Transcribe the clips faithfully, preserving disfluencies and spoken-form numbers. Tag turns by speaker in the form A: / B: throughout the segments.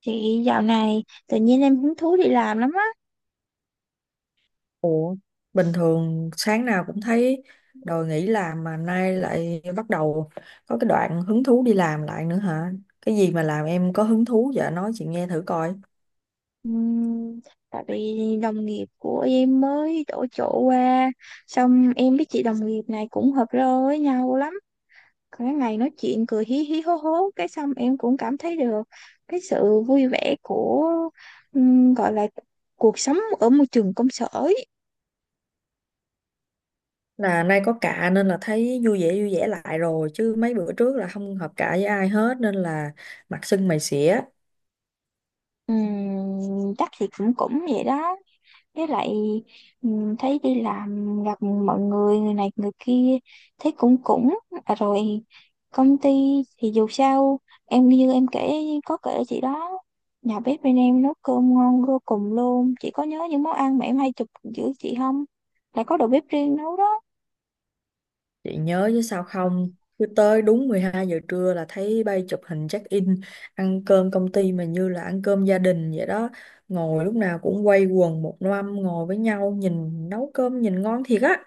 A: Chị, dạo này tự nhiên em hứng thú đi làm lắm á.
B: Ủa, bình thường sáng nào cũng thấy đòi nghỉ làm mà nay lại bắt đầu có cái đoạn hứng thú đi làm lại nữa hả? Cái gì mà làm em có hứng thú vậy? Nói chị nghe thử coi.
A: Ừm, Tại vì đồng nghiệp của em mới đổi chỗ qua. Xong em với chị đồng nghiệp này cũng hợp rơ với nhau lắm. Cái ngày nói chuyện cười hí hí hố hố, cái xong em cũng cảm thấy được cái sự vui vẻ của, ừm, gọi là cuộc sống ở môi trường công sở ấy.
B: Là nay có cạ nên là thấy vui vẻ vui vẻ lại rồi, chứ mấy bữa trước là không hợp cạ với ai hết nên là mặt sưng mày xỉa.
A: Ừm, chắc thì cũng cũng vậy đó. Với lại ừm, thấy đi làm gặp mọi người, người này người kia, thấy cũng cũng à, rồi công ty thì dù sao em như em kể, có kể chị đó, nhà bếp bên em nấu cơm ngon vô cùng luôn. Chị có nhớ những món ăn mà em hay chụp giữa chị không? Lại có đầu bếp riêng nấu đó.
B: Chị nhớ chứ sao không. Cứ tới đúng mười hai giờ trưa là thấy bay chụp hình check in. Ăn cơm công ty mà như là ăn cơm gia đình vậy đó. Ngồi lúc nào cũng quây quần một năm ngồi với nhau. Nhìn nấu cơm nhìn ngon thiệt á.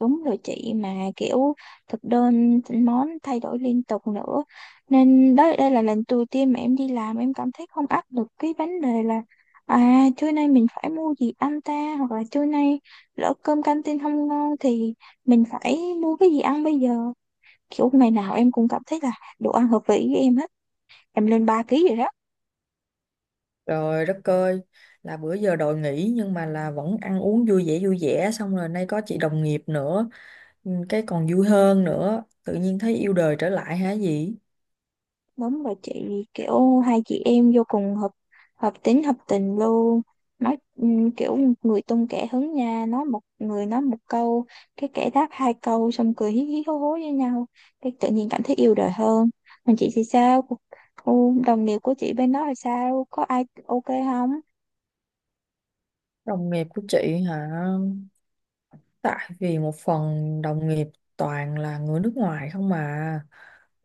A: Đúng rồi chị, mà kiểu thực đơn món thay đổi liên tục nữa, nên đó đây là lần đầu tiên mà em đi làm em cảm thấy không áp lực cái vấn đề là, à, trưa nay mình phải mua gì ăn ta, hoặc là trưa nay lỡ cơm canteen không ngon thì mình phải mua cái gì ăn bây giờ. Kiểu ngày nào em cũng cảm thấy là đồ ăn hợp vị với em hết. Em lên ba ký rồi đó.
B: Trời đất ơi. Là bữa giờ đòi nghỉ nhưng mà là vẫn ăn uống vui vẻ vui vẻ. Xong rồi nay có chị đồng nghiệp nữa, ừ, cái còn vui hơn nữa. Tự nhiên thấy yêu đời trở lại hả gì.
A: Đúng rồi chị, kiểu hai chị em vô cùng hợp, hợp tính hợp tình luôn. Nói ừm, kiểu người tung kẻ hứng nha, nói một người nói một câu, cái kẻ đáp hai câu, xong cười hí hí hố hố với nhau, cái tự nhiên cảm thấy yêu đời hơn. Còn chị thì sao? Cuộc- cô- đồng nghiệp của chị bên đó là sao, có ai ok không?
B: Đồng nghiệp của chị hả. Tại vì một phần đồng nghiệp toàn là người nước ngoài không mà,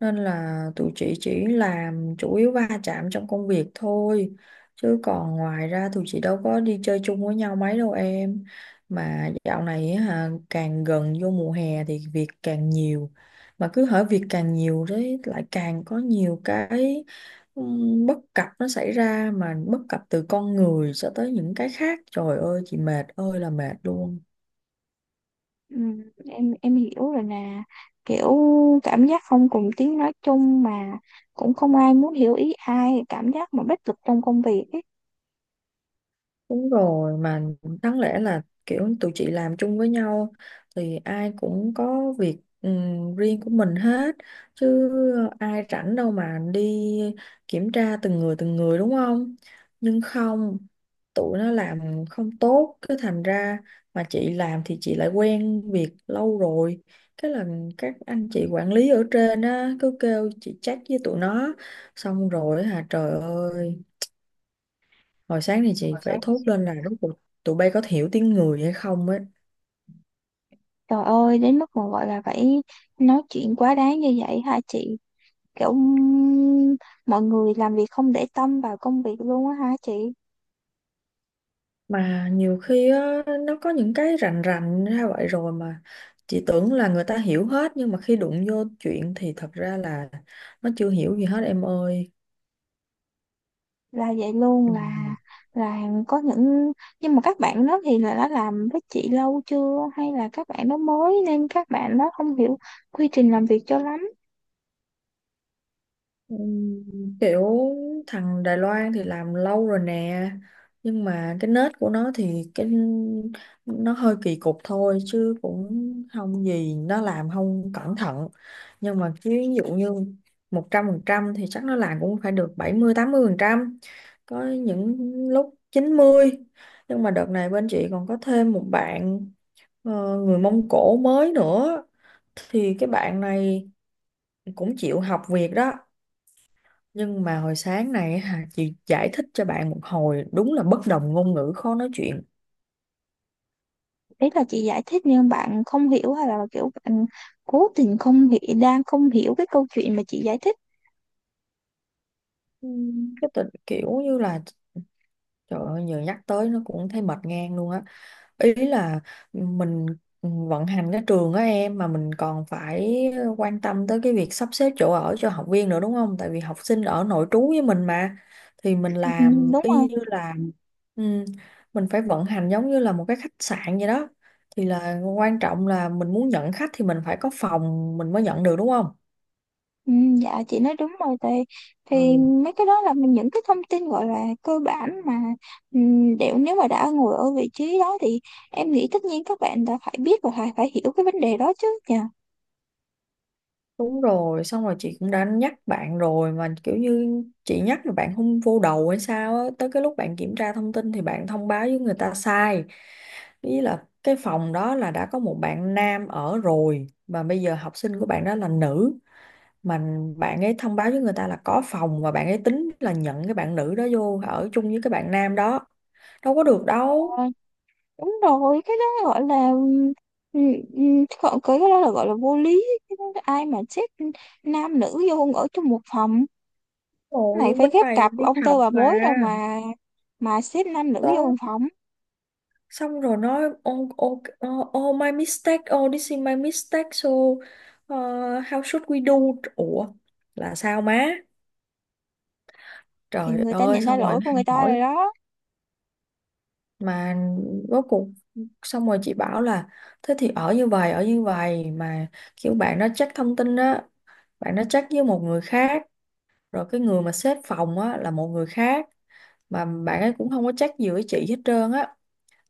B: nên là tụi chị chỉ làm chủ yếu va chạm trong công việc thôi, chứ còn ngoài ra tụi chị đâu có đi chơi chung với nhau mấy đâu em. Mà dạo này á hả, càng gần vô mùa hè thì việc càng nhiều, mà cứ hở việc càng nhiều đấy lại càng có nhiều cái ừm, bất cập nó xảy ra, mà bất cập từ con người cho tới những cái khác, trời ơi chị mệt ơi là mệt luôn.
A: Ừm, em em hiểu rồi nè, kiểu cảm giác không cùng tiếng nói chung, mà cũng không ai muốn hiểu ý ai, cảm giác mà bất lực trong công việc ấy.
B: Đúng rồi, mà đáng lẽ là kiểu tụi chị làm chung với nhau thì ai cũng có việc ừm, riêng của mình hết, chứ ai rảnh đâu mà đi kiểm tra từng người từng người đúng không? Nhưng không, tụi nó làm không tốt cứ thành ra, mà chị làm thì chị lại quen việc lâu rồi. Cái là các anh chị quản lý ở trên á cứ kêu chị check với tụi nó, xong rồi hả trời ơi. Hồi sáng thì chị phải thốt lên là rốt cuộc tụi bay có hiểu tiếng người hay không ấy.
A: Trời ơi, đến mức mà gọi là phải nói chuyện quá đáng như vậy hả chị? Kiểu ừm, mọi người làm việc không để tâm vào công việc luôn á hả chị?
B: Mà nhiều khi á, nó có những cái rành rành ra vậy rồi mà chị tưởng là người ta hiểu hết, nhưng mà khi đụng vô chuyện thì thật ra là nó chưa hiểu gì hết em ơi.
A: Là vậy luôn,
B: Ừ.
A: là là có những, nhưng mà các bạn đó thì là đã làm với chị lâu chưa, hay là các bạn đó mới nên các bạn đó không hiểu quy trình làm việc cho lắm.
B: Ừm, Kiểu thằng Đài Loan thì làm lâu rồi nè, nhưng mà cái nết của nó thì cái nó hơi kỳ cục thôi chứ cũng không gì, nó làm không cẩn thận, nhưng mà chứ ví dụ như một trăm phần trăm thì chắc nó làm cũng phải được bảy mươi tám mươi phần trăm, có những lúc chín mươi. Nhưng mà đợt này bên chị còn có thêm một bạn ờ, người Mông Cổ mới nữa, thì cái bạn này cũng chịu học việc đó, nhưng mà hồi sáng này hả, chị giải thích cho bạn một hồi đúng là bất đồng ngôn ngữ khó nói chuyện.
A: Ý là chị giải thích nhưng bạn không hiểu, hay là kiểu bạn cố tình không hiểu, đang không hiểu cái câu chuyện mà chị giải thích.
B: Ừm, Cái tình kiểu như là, trời ơi, giờ nhắc tới nó cũng thấy mệt ngang luôn á. Ý là mình vận hành cái trường á em, mà mình còn phải quan tâm tới cái việc sắp xếp chỗ ở cho học viên nữa đúng không? Tại vì học sinh ở nội trú với mình mà, thì mình
A: Ừ,
B: làm
A: đúng
B: y
A: không?
B: như là, ừm, mình phải vận hành giống như là một cái khách sạn vậy đó. Thì là quan trọng là mình muốn nhận khách thì mình phải có phòng mình mới nhận được đúng không?
A: Ừ, dạ chị nói đúng rồi thì thì
B: Ừ.
A: mấy cái đó là mình- những cái thông tin gọi là cơ bản mà ừm, đều, nếu mà đã ngồi ở vị trí đó thì em nghĩ tất nhiên các bạn đã phải biết và phải phải hiểu cái vấn đề đó chứ nhỉ.
B: Đúng rồi, xong rồi chị cũng đã nhắc bạn rồi mà kiểu như chị nhắc rồi bạn không vô đầu hay sao á, tới cái lúc bạn kiểm tra thông tin thì bạn thông báo với người ta sai. Ý là cái phòng đó là đã có một bạn nam ở rồi mà bây giờ học sinh của bạn đó là nữ, mà bạn ấy thông báo với người ta là có phòng và bạn ấy tính là nhận cái bạn nữ đó vô ở chung với cái bạn nam đó. Đâu có được đâu.
A: Ờ, đúng rồi, cái đó gọi là, ừm, ừm, gọi- cái đó là gọi là vô lý. Cái đó- là ai mà xếp nam nữ vô ở trong một phòng,
B: Rồi
A: này phải
B: bên
A: ghép
B: này
A: cặp
B: đi
A: ông tơ
B: học
A: bà
B: mà.
A: mối đâu mà mà xếp nam nữ vô
B: Đó
A: một phòng.
B: xong rồi nói oh, oh, oh, oh my mistake, oh this is my mistake, so uh, how should we do. Ủa là sao má,
A: Thì
B: trời
A: người ta
B: ơi
A: nhận ra
B: xong rồi
A: lỗi
B: nó
A: của
B: hay
A: người ta
B: hỏi
A: rồi đó.
B: mà rốt cuộc. Xong rồi chị bảo là thế thì ở như vậy ở như vậy, mà kiểu bạn nó check thông tin á, bạn nó check với một người khác, rồi cái người mà xếp phòng á là một người khác, mà bạn ấy cũng không có check gì với chị hết trơn á.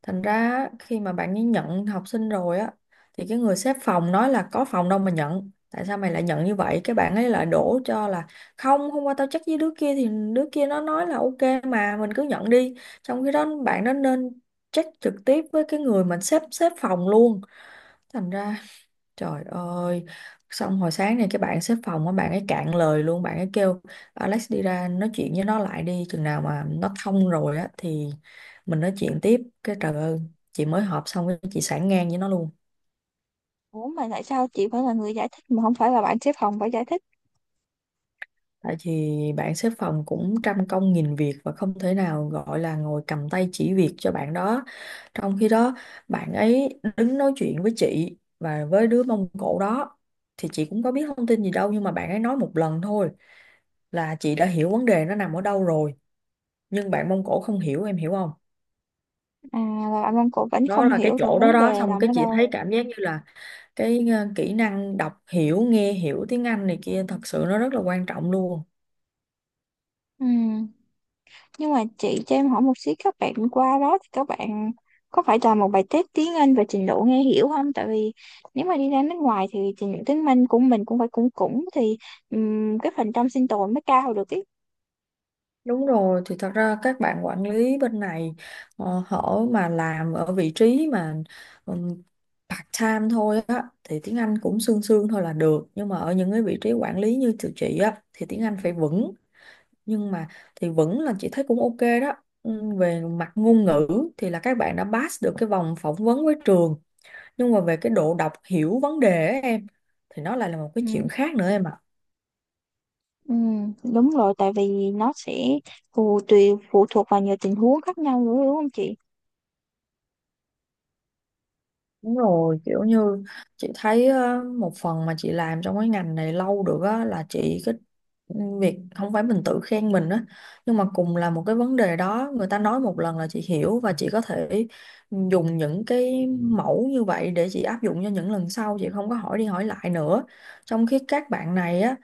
B: Thành ra á, khi mà bạn ấy nhận học sinh rồi á thì cái người xếp phòng nói là có phòng đâu mà nhận. Tại sao mày lại nhận như vậy? Cái bạn ấy lại đổ cho là không, hôm qua tao chắc với đứa kia thì đứa kia nó nói là ok mà mình cứ nhận đi. Trong khi đó bạn đó nên check trực tiếp với cái người mà xếp xếp phòng luôn. Thành ra, trời ơi, xong hồi sáng này cái bạn xếp phòng á, bạn ấy cạn lời luôn, bạn ấy kêu Alex đi ra nói chuyện với nó lại đi, chừng nào mà nó thông rồi á thì mình nói chuyện tiếp. Cái trời ơi, chị mới họp xong cái chị sảng ngang với nó luôn.
A: Ủa mà tại sao chị phải là người giải thích mà không phải là bạn xếp phòng phải giải thích?
B: Tại vì bạn xếp phòng cũng trăm công nghìn việc và không thể nào gọi là ngồi cầm tay chỉ việc cho bạn đó, trong khi đó bạn ấy đứng nói chuyện với chị và với đứa Mông Cổ đó thì chị cũng có biết thông tin gì đâu, nhưng mà bạn ấy nói một lần thôi là chị đã hiểu vấn đề nó nằm ở đâu rồi, nhưng bạn Mông Cổ không hiểu em hiểu không.
A: À, là bạn Văn Cổ vẫn
B: Đó
A: không
B: là cái
A: hiểu được
B: chỗ đó
A: vấn
B: đó,
A: đề
B: xong
A: nằm
B: cái
A: ở
B: chị
A: đâu.
B: thấy cảm giác như là cái ờ, kỹ năng đọc hiểu nghe hiểu tiếng Anh này kia thật sự nó rất là quan trọng luôn.
A: Ừ. Nhưng mà chị cho em hỏi một xíu, các bạn qua đó thì các bạn có phải làm một bài test tiếng Anh về trình độ nghe hiểu không? Tại vì nếu mà đi ra nước ngoài thì trình độ tiếng Anh của mình cũng phải, cũng cũng thì ừm, cái phần trăm sinh tồn mới cao được ý.
B: Đúng rồi, thì thật ra các bạn quản lý bên này ờ, họ mà làm ở vị trí mà ừm, part-time thôi á thì tiếng Anh cũng sương sương thôi là được, nhưng mà ở những cái vị trí quản lý như tụi chị á thì tiếng Anh phải vững, nhưng mà thì vững là chị thấy cũng ok đó. Ừm, về mặt ngôn ngữ thì là các bạn đã pass được cái vòng phỏng vấn với trường, nhưng mà về cái độ đọc hiểu vấn đề á em thì nó lại là một cái
A: Ừ.
B: chuyện khác nữa em ạ.
A: Ừ, đúng rồi, tại vì nó sẽ phụ, tùy phụ thuộc vào nhiều tình huống khác nhau nữa, đúng không chị?
B: Đúng rồi, kiểu như chị thấy ờ, một phần mà chị làm trong cái ngành này lâu được á là chị cái việc không phải mình tự khen mình á, nhưng mà cùng là một cái vấn đề đó người ta nói một lần là chị hiểu và chị có thể dùng những cái mẫu như vậy để chị áp dụng cho những lần sau, chị không có hỏi đi hỏi lại nữa. Trong khi các bạn này á,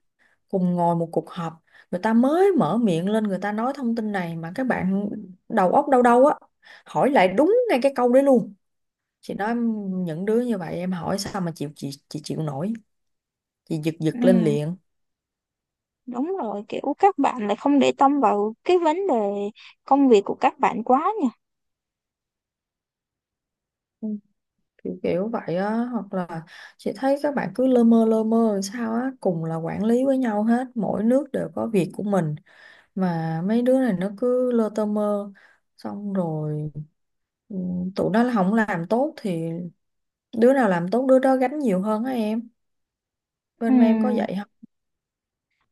B: cùng ngồi một cuộc họp, người ta mới mở miệng lên người ta nói thông tin này mà các bạn đầu óc đâu đâu á, hỏi lại đúng ngay cái câu đấy luôn. Chị nói những đứa như vậy em hỏi sao mà chịu, chị chị chịu nổi, chị giật
A: Ừ.
B: giật lên liền.
A: Đúng rồi, kiểu các bạn lại không để tâm vào cái vấn đề công việc của các bạn quá nha.
B: Ừ, kiểu kiểu vậy á, hoặc là chị thấy các bạn cứ lơ mơ lơ mơ làm sao á, cùng là quản lý với nhau hết, mỗi nước đều có việc của mình, mà mấy đứa này nó cứ lơ tơ mơ, xong rồi, ừ, tụi nó không làm tốt thì đứa nào làm tốt đứa đó gánh nhiều hơn á em, bên em có
A: Ừm,
B: vậy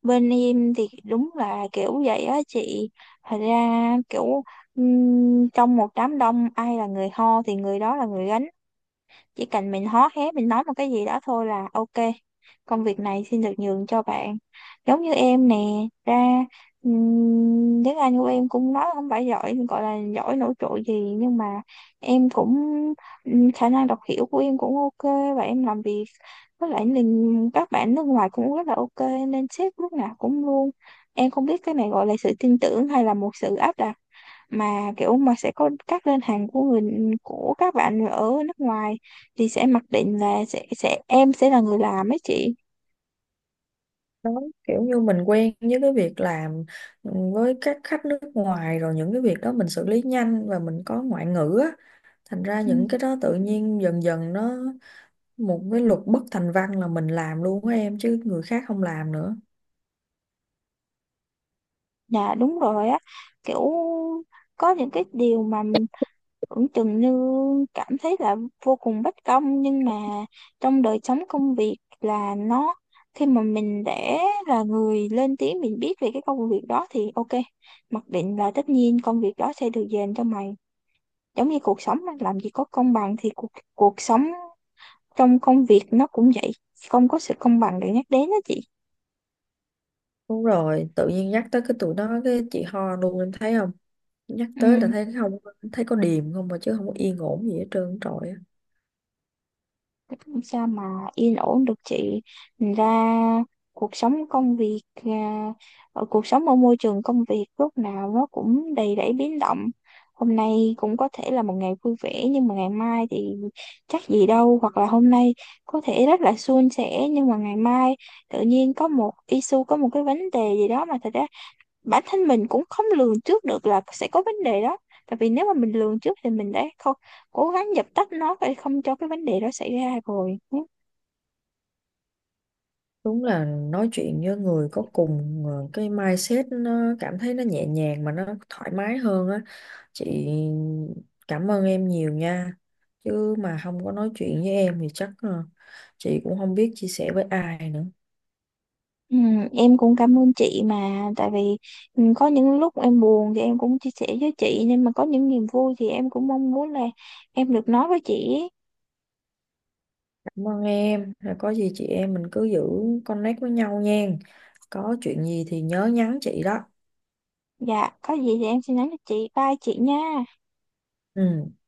A: bên em thì đúng là kiểu vậy á chị. Thật ra kiểu ừm, trong một đám đông ai là người ho thì người đó là người gánh. Chỉ cần mình hó hé mình nói một cái gì đó thôi là ok, công việc này xin được nhường cho bạn. Giống như em nè, ra ừm, tiếng Anh của em cũng nói không phải giỏi, gọi là giỏi nổi trội gì nhưng mà em cũng ừm, khả năng đọc hiểu của em cũng ok. Và em làm việc với lại mình các bạn nước ngoài cũng rất là ok, nên sếp lúc nào cũng luôn, em không biết cái này gọi là sự tin tưởng hay là một sự áp đặt, mà kiểu mà sẽ có các đơn hàng của người, của các bạn ở nước ngoài thì sẽ mặc định là sẽ sẽ em sẽ là người làm ấy chị.
B: đó. Kiểu như mình quen với cái việc làm với các khách nước ngoài rồi, những cái việc đó mình xử lý nhanh và mình có ngoại ngữ á, thành ra
A: Ừ.
B: những cái đó tự nhiên dần dần nó một cái luật bất thành văn là mình làm luôn á em, chứ người khác không làm nữa.
A: Dạ đúng rồi á, kiểu có những cái điều mà tưởng chừng như cảm thấy là vô cùng bất công, nhưng mà trong đời sống công việc là nó, khi mà mình để là người lên tiếng mình biết về cái công việc đó thì ok, mặc định là tất nhiên công việc đó sẽ được dành cho mày. Giống như cuộc sống á, làm gì có công bằng thì cuộc cuộc sống trong công việc nó cũng vậy, không có sự công bằng để nhắc đến đó chị.
B: Đúng rồi, tự nhiên nhắc tới cái tụi nó cái chị ho luôn em thấy không, nhắc tới là
A: Ừ,
B: thấy không, thấy có điềm không mà, chứ không có yên ổn gì hết trơn trời á.
A: sao mà yên ổn được chị? Thành ra cuộc sống công việc à, ở cuộc sống, ở môi trường công việc lúc nào nó cũng đầy rẫy biến động. Hôm nay cũng có thể là một ngày vui vẻ nhưng mà ngày mai thì chắc gì đâu, hoặc là hôm nay có thể rất là suôn sẻ nhưng mà ngày mai tự nhiên có một issue, có một cái vấn đề gì đó mà thật ra bản thân mình cũng không lường trước được là sẽ có vấn đề đó. Tại vì nếu mà mình lường trước thì mình đã không cố gắng dập tắt nó để không cho cái vấn đề đó xảy ra rồi.
B: Đúng là nói chuyện với người có cùng ờ, cái mindset nó cảm thấy nó nhẹ nhàng mà nó thoải mái hơn á. Chị cảm ơn em nhiều nha. Chứ mà không có nói chuyện với em thì chắc ờ, chị cũng không biết chia sẻ với ai nữa.
A: Ừ, em cũng cảm ơn chị, mà tại vì ừ, có những lúc em buồn thì em cũng chia sẻ với chị, nhưng mà có những niềm vui thì em cũng mong muốn là em được nói với chị ấy.
B: Cảm ơn em. Rồi có gì chị em mình cứ giữ connect với nhau nha. Có chuyện gì thì nhớ nhắn chị đó.
A: Dạ có gì thì em sẽ nhắn cho chị, bye chị nha.
B: Ừ.